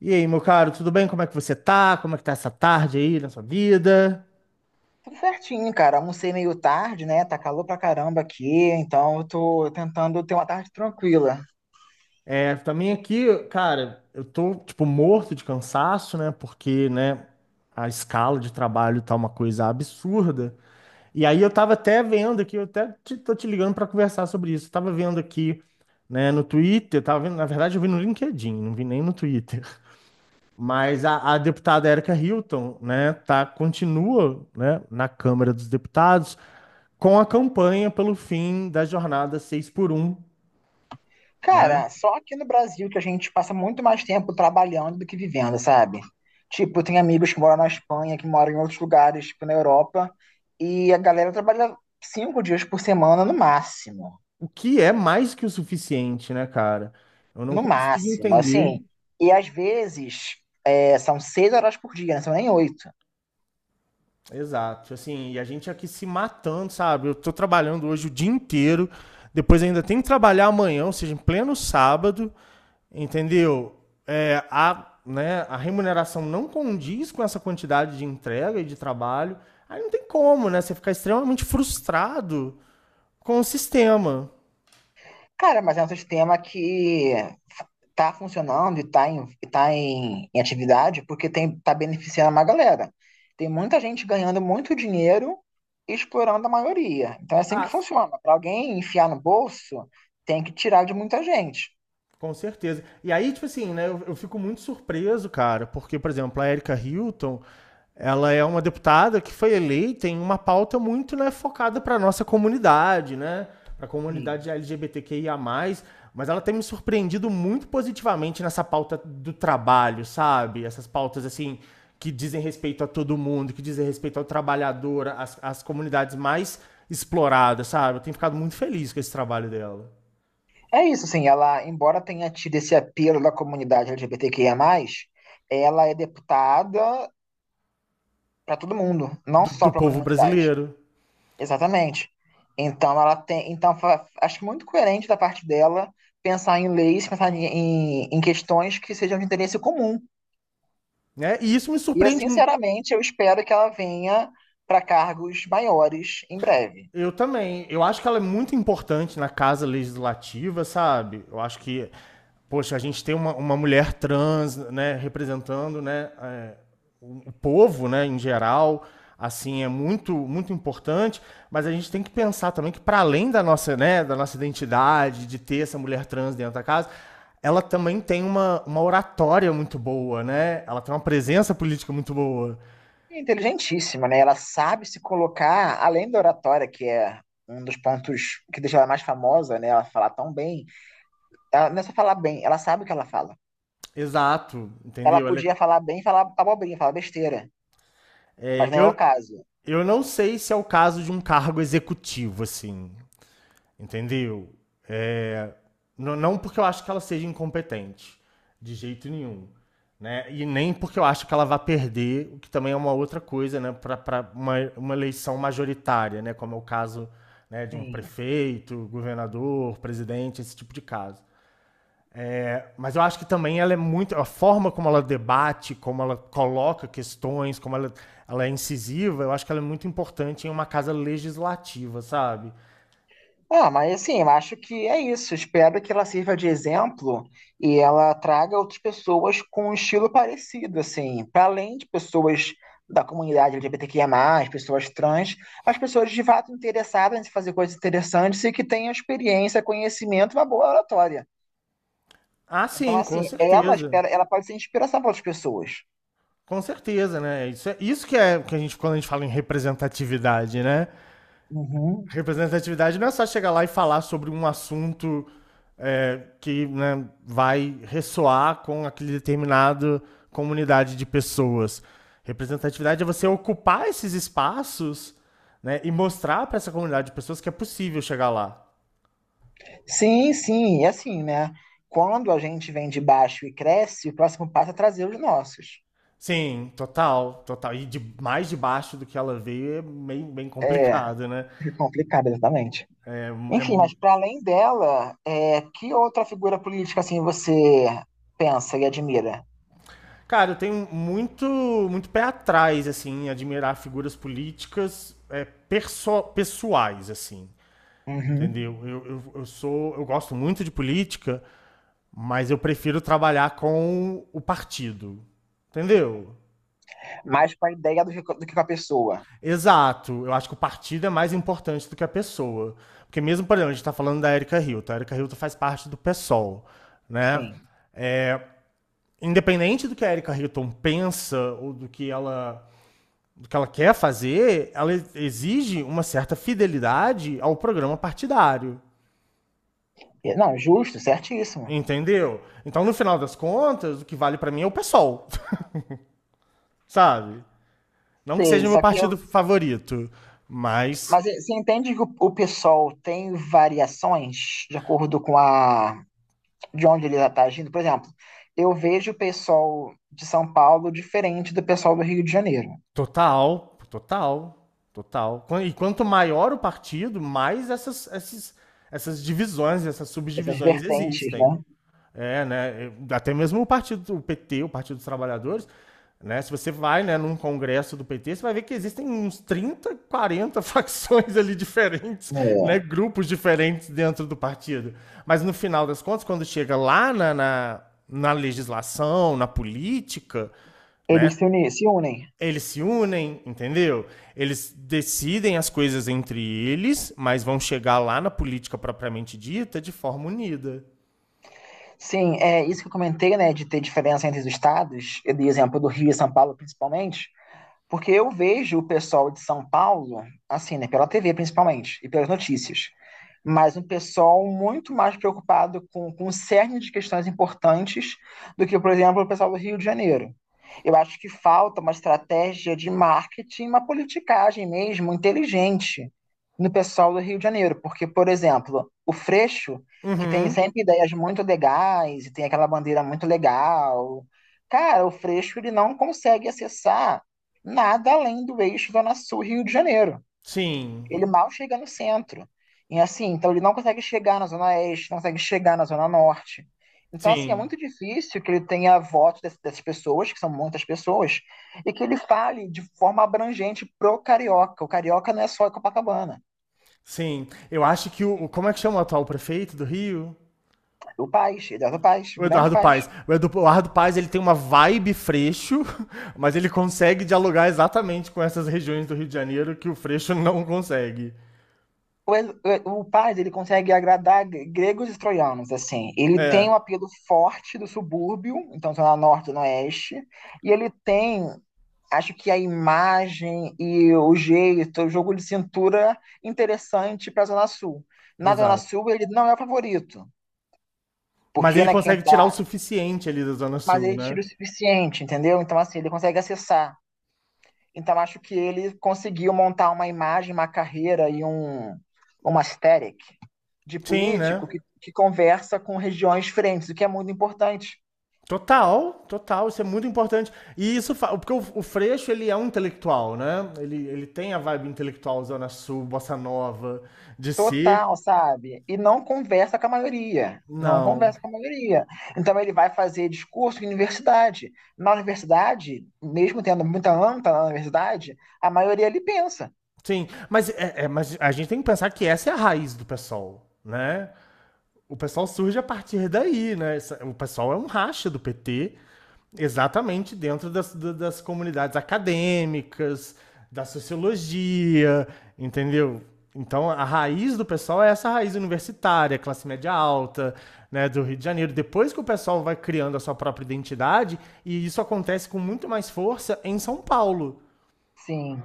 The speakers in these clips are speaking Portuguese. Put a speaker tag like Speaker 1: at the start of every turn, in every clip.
Speaker 1: E aí, meu caro, tudo bem? Como é que você tá? Como é que tá essa tarde aí na sua vida?
Speaker 2: Tudo certinho, cara. Almocei meio tarde, né? Tá calor pra caramba aqui, então eu tô tentando ter uma tarde tranquila.
Speaker 1: É, também aqui, cara, eu tô, tipo, morto de cansaço, né? Porque, né, a escala de trabalho tá uma coisa absurda. E aí eu tava até vendo aqui, tô te ligando pra conversar sobre isso. Eu tava vendo aqui, né, no Twitter, tava vendo, na verdade eu vi no LinkedIn, não vi nem no Twitter. Mas a deputada Erika Hilton, né, tá, continua, né, na Câmara dos Deputados com a campanha pelo fim da jornada 6x1, né?
Speaker 2: Cara, só aqui no Brasil que a gente passa muito mais tempo trabalhando do que vivendo, sabe? Tipo, tem amigos que moram na Espanha, que moram em outros lugares, tipo na Europa, e a galera trabalha 5 dias por semana no máximo.
Speaker 1: O que é mais que o suficiente, né, cara? Eu não
Speaker 2: No
Speaker 1: consigo
Speaker 2: máximo,
Speaker 1: entender.
Speaker 2: assim. E às vezes são 6 horas por dia, não são nem oito.
Speaker 1: Exato. Assim, e a gente aqui se matando, sabe? Eu tô trabalhando hoje o dia inteiro, depois ainda tem que trabalhar amanhã, ou seja, em pleno sábado, entendeu? É, né, a remuneração não condiz com essa quantidade de entrega e de trabalho. Aí não tem como, né? Você ficar extremamente frustrado com o sistema.
Speaker 2: Cara, mas é um sistema que tá funcionando e em atividade porque tem, tá beneficiando uma galera. Tem muita gente ganhando muito dinheiro e explorando a maioria. Então é assim que
Speaker 1: Ah,
Speaker 2: funciona. Para alguém enfiar no bolso, tem que tirar de muita gente.
Speaker 1: com certeza. E aí, tipo assim, né, eu fico muito surpreso, cara, porque, por exemplo, a Erika Hilton, ela é uma deputada que foi eleita em uma pauta muito, né, focada para nossa comunidade, né, para a
Speaker 2: Sim.
Speaker 1: comunidade LGBTQIA+, mas ela tem me surpreendido muito positivamente nessa pauta do trabalho, sabe? Essas pautas, assim, que dizem respeito a todo mundo, que dizem respeito ao trabalhador, às comunidades mais exploradas, sabe? Eu tenho ficado muito feliz com esse trabalho dela,
Speaker 2: É isso, assim, ela, embora tenha tido esse apelo da comunidade LGBTQIA+, ela é deputada para todo mundo, não
Speaker 1: do,
Speaker 2: só
Speaker 1: do
Speaker 2: para a
Speaker 1: povo
Speaker 2: comunidade.
Speaker 1: brasileiro.
Speaker 2: Exatamente. Então ela tem, então acho muito coerente da parte dela pensar em leis, pensar em questões que sejam de interesse comum.
Speaker 1: Né? E isso me
Speaker 2: E eu
Speaker 1: surpreende.
Speaker 2: sinceramente eu espero que ela venha para cargos maiores em breve.
Speaker 1: Eu também. Eu acho que ela é muito importante na casa legislativa, sabe? Eu acho que, poxa, a gente tem uma mulher trans, né, representando, né, o povo, né, em geral, assim, é muito, muito importante. Mas a gente tem que pensar também que para além da nossa, né, da nossa identidade, de ter essa mulher trans dentro da casa, ela também tem uma oratória muito boa, né? Ela tem uma presença política muito boa.
Speaker 2: É inteligentíssima, né? Ela sabe se colocar além da oratória, que é um dos pontos que deixa ela mais famosa, né? Ela fala tão bem. Ela não é só falar bem, ela sabe o que ela fala.
Speaker 1: Exato,
Speaker 2: Ela
Speaker 1: entendeu? Ela é-
Speaker 2: podia falar bem, falar abobrinha, falar besteira,
Speaker 1: é,
Speaker 2: mas não é o caso.
Speaker 1: eu não sei se é o caso de um cargo executivo, assim, entendeu? É, não porque eu acho que ela seja incompetente, de jeito nenhum, né? E nem porque eu acho que ela vai perder, o que também é uma outra coisa, né? Para uma eleição majoritária, né? Como é o caso, né, de um
Speaker 2: Sim.
Speaker 1: prefeito, governador, presidente, esse tipo de caso. É, mas eu acho que também ela é muito. A forma como ela debate, como ela coloca questões, como ela é incisiva, eu acho que ela é muito importante em uma casa legislativa, sabe?
Speaker 2: Ah, mas assim, eu acho que é isso. Espero que ela sirva de exemplo e ela traga outras pessoas com um estilo parecido, assim, para além de pessoas da comunidade LGBTQIA+, pessoas trans, as pessoas de fato interessadas em fazer coisas interessantes e que tenham experiência, conhecimento e uma boa oratória.
Speaker 1: Ah,
Speaker 2: Então,
Speaker 1: sim,
Speaker 2: assim,
Speaker 1: com
Speaker 2: ela
Speaker 1: certeza.
Speaker 2: espera, ela pode ser inspiração para outras pessoas.
Speaker 1: Com certeza, né? Isso, isso que é que a gente, quando a gente fala em representatividade, né?
Speaker 2: Uhum.
Speaker 1: Representatividade não é só chegar lá e falar sobre um assunto que, né, vai ressoar com aquele determinado comunidade de pessoas. Representatividade é você ocupar esses espaços, né, e mostrar para essa comunidade de pessoas que é possível chegar lá.
Speaker 2: Sim, sim, e assim, né? Quando a gente vem de baixo e cresce, o próximo passo é trazer os nossos.
Speaker 1: Sim, total, total. E de mais de baixo do que ela veio é bem, bem
Speaker 2: É.
Speaker 1: complicado, né?
Speaker 2: É complicado, exatamente.
Speaker 1: É, é.
Speaker 2: Enfim, mas para além dela, que outra figura política assim você pensa e admira?
Speaker 1: Cara, eu tenho muito, muito pé atrás, assim, em admirar figuras políticas, pessoais, assim.
Speaker 2: Uhum.
Speaker 1: Entendeu? Eu sou. Eu gosto muito de política, mas eu prefiro trabalhar com o partido. Entendeu?
Speaker 2: Mais com a ideia do que com a pessoa.
Speaker 1: Exato. Eu acho que o partido é mais importante do que a pessoa. Porque mesmo, por exemplo, a gente está falando da Erika Hilton. A Erika Hilton faz parte do PSOL, né?
Speaker 2: Sim.
Speaker 1: É, independente do que a Erika Hilton pensa ou do que ela quer fazer, ela exige uma certa fidelidade ao programa partidário.
Speaker 2: É, não, justo, certíssimo.
Speaker 1: Entendeu? Então, no final das contas, o que vale pra mim é o PSOL, sabe? Não que
Speaker 2: Sei,
Speaker 1: seja meu
Speaker 2: só que eu,
Speaker 1: partido favorito, mas
Speaker 2: mas você entende que o pessoal tem variações de acordo com a de onde ele está agindo? Por exemplo, eu vejo o pessoal de São Paulo diferente do pessoal do Rio de Janeiro.
Speaker 1: total, total, total. E quanto maior o partido, mais essas divisões, essas
Speaker 2: Essas
Speaker 1: subdivisões
Speaker 2: vertentes,
Speaker 1: existem.
Speaker 2: né?
Speaker 1: É, né? Até mesmo o partido, o PT, o Partido dos Trabalhadores, né? Se você vai, né, num congresso do PT, você vai ver que existem uns 30, 40 facções ali diferentes, né,
Speaker 2: É.
Speaker 1: grupos diferentes dentro do partido. Mas no final das contas, quando chega lá na legislação, na política,
Speaker 2: Eles
Speaker 1: né,
Speaker 2: se uni- se unem.
Speaker 1: eles se unem, entendeu? Eles decidem as coisas entre eles, mas vão chegar lá na política propriamente dita de forma unida.
Speaker 2: Sim, é isso que eu comentei, né, de ter diferença entre os estados, de exemplo do Rio e São Paulo, principalmente. Porque eu vejo o pessoal de São Paulo, assim, né, pela TV principalmente, e pelas notícias, mas um pessoal muito mais preocupado com o cerne de questões importantes do que, por exemplo, o pessoal do Rio de Janeiro. Eu acho que falta uma estratégia de marketing, uma politicagem mesmo inteligente no pessoal do Rio de Janeiro, porque, por exemplo, o Freixo, que tem
Speaker 1: Uhum.
Speaker 2: sempre ideias muito legais e tem aquela bandeira muito legal, cara, o Freixo ele não consegue acessar nada além do eixo Zona Sul Rio de Janeiro.
Speaker 1: Sim,
Speaker 2: Ele mal chega no centro. E assim, então ele não consegue chegar na Zona Oeste, não consegue chegar na Zona Norte. Então, assim, é
Speaker 1: Sim,
Speaker 2: muito difícil que ele tenha voto dessas, pessoas, que são muitas pessoas, e que ele fale de forma abrangente pro carioca. O carioca não é só Copacabana.
Speaker 1: sim. Eu acho que o. o- Como é que chama o atual prefeito do Rio?
Speaker 2: O Paz, ele é do Paz,
Speaker 1: O
Speaker 2: grande
Speaker 1: Eduardo
Speaker 2: Paz.
Speaker 1: Paes. O Eduardo Paes ele tem uma vibe freixo, mas ele consegue dialogar exatamente com essas regiões do Rio de Janeiro que o freixo não consegue.
Speaker 2: O, o Paz, ele consegue agradar gregos e troianos, assim. Ele tem um
Speaker 1: É,
Speaker 2: apelo forte do subúrbio, então Zona Norte, Zona Oeste, e ele tem. Acho que a imagem e o jeito, o jogo de cintura interessante para a Zona Sul. Na Zona
Speaker 1: exato.
Speaker 2: Sul, ele não é o favorito,
Speaker 1: Mas
Speaker 2: porque
Speaker 1: ele
Speaker 2: né, quem
Speaker 1: consegue tirar o
Speaker 2: tá.
Speaker 1: suficiente ali da Zona
Speaker 2: Mas
Speaker 1: Sul,
Speaker 2: ele
Speaker 1: né?
Speaker 2: tira o suficiente, entendeu? Então, assim, ele consegue acessar. Então, acho que ele conseguiu montar uma imagem, uma carreira e uma aesthetic de
Speaker 1: Sim,
Speaker 2: político
Speaker 1: né?
Speaker 2: que conversa com regiões diferentes, o que é muito importante.
Speaker 1: Total, total, isso é muito importante. E isso, porque o Freixo, ele é um intelectual, né? Ele tem a vibe intelectual Zona Sul, Bossa Nova, de si.
Speaker 2: Total, sabe? E não conversa com a maioria. Não
Speaker 1: Não.
Speaker 2: conversa com a maioria. Então ele vai fazer discurso em universidade. Na universidade, mesmo tendo muita anta na universidade, a maioria ele pensa.
Speaker 1: Sim, mas, mas a gente tem que pensar que essa é a raiz do PSOL, né? O PSOL surge a partir daí, né? O PSOL é um racha do PT, exatamente dentro das, das comunidades acadêmicas, da sociologia, entendeu? Então, a raiz do PSOL é essa raiz universitária, classe média alta, né, do Rio de Janeiro. Depois que o pessoal vai criando a sua própria identidade, e isso acontece com muito mais força em São Paulo,
Speaker 2: Sim.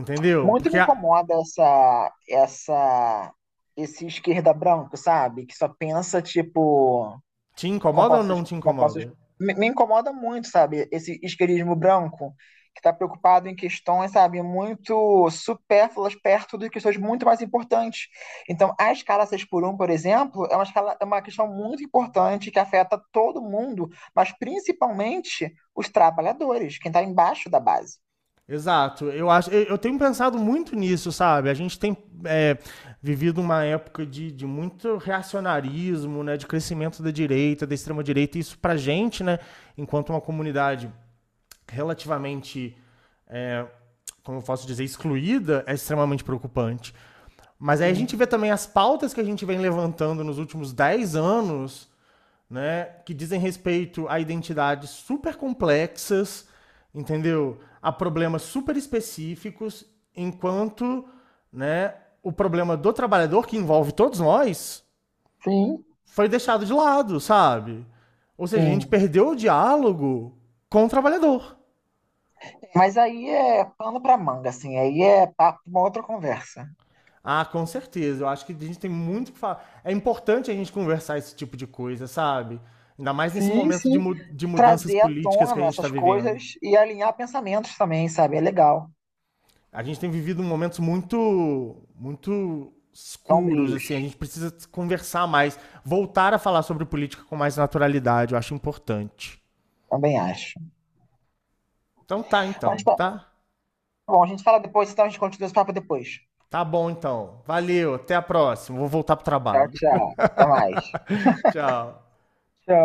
Speaker 1: entendeu?
Speaker 2: Muito me incomoda esse esquerda branco, sabe? Que só pensa, tipo,
Speaker 1: Te incomoda ou
Speaker 2: compostos,
Speaker 1: não te
Speaker 2: compostos
Speaker 1: incomoda?
Speaker 2: me incomoda muito, sabe? Esse isqueirismo branco que está preocupado em questões, sabe, muito supérfluas perto de questões muito mais importantes. Então, a escala 6x1, por exemplo, é uma questão muito importante que afeta todo mundo, mas principalmente os trabalhadores, quem está embaixo da base.
Speaker 1: Exato. Eu acho, eu tenho pensado muito nisso, sabe? A gente tem é, vivido uma época de, muito reacionarismo, né? De crescimento da direita, da extrema direita. Isso pra gente, né? Enquanto uma comunidade relativamente, é, como eu posso dizer, excluída, é extremamente preocupante. Mas aí a gente
Speaker 2: Sim,
Speaker 1: vê também as pautas que a gente vem levantando nos últimos 10 anos, né? Que dizem respeito a identidades super complexas, entendeu? A problemas super específicos, enquanto, né? O problema do trabalhador que envolve todos nós
Speaker 2: sim,
Speaker 1: foi deixado de lado, sabe? Ou seja, a gente
Speaker 2: sim.
Speaker 1: perdeu o diálogo com o trabalhador.
Speaker 2: Mas aí é pano para manga, assim, aí é papo, uma outra conversa.
Speaker 1: Ah, com certeza. Eu acho que a gente tem muito que falar. É importante a gente conversar esse tipo de coisa, sabe? Ainda mais nesse
Speaker 2: Sim,
Speaker 1: momento de,
Speaker 2: sim.
Speaker 1: mu de mudanças
Speaker 2: Trazer à
Speaker 1: políticas que a
Speaker 2: tona
Speaker 1: gente está
Speaker 2: essas
Speaker 1: vivendo.
Speaker 2: coisas e alinhar pensamentos também, sabe? É legal.
Speaker 1: A gente tem vivido momentos muito, muito escuros,
Speaker 2: Sombrios,
Speaker 1: assim. A gente precisa conversar mais, voltar a falar sobre política com mais naturalidade. Eu acho importante.
Speaker 2: também acho.
Speaker 1: Então tá,
Speaker 2: Mas
Speaker 1: então,
Speaker 2: tá
Speaker 1: tá?
Speaker 2: bom, a gente fala depois, então a gente continua esse papo depois.
Speaker 1: Tá bom, então. Valeu, até a próxima. Vou voltar pro
Speaker 2: Tchau,
Speaker 1: trabalho.
Speaker 2: tchau. Até mais.
Speaker 1: Tchau.
Speaker 2: Tchau.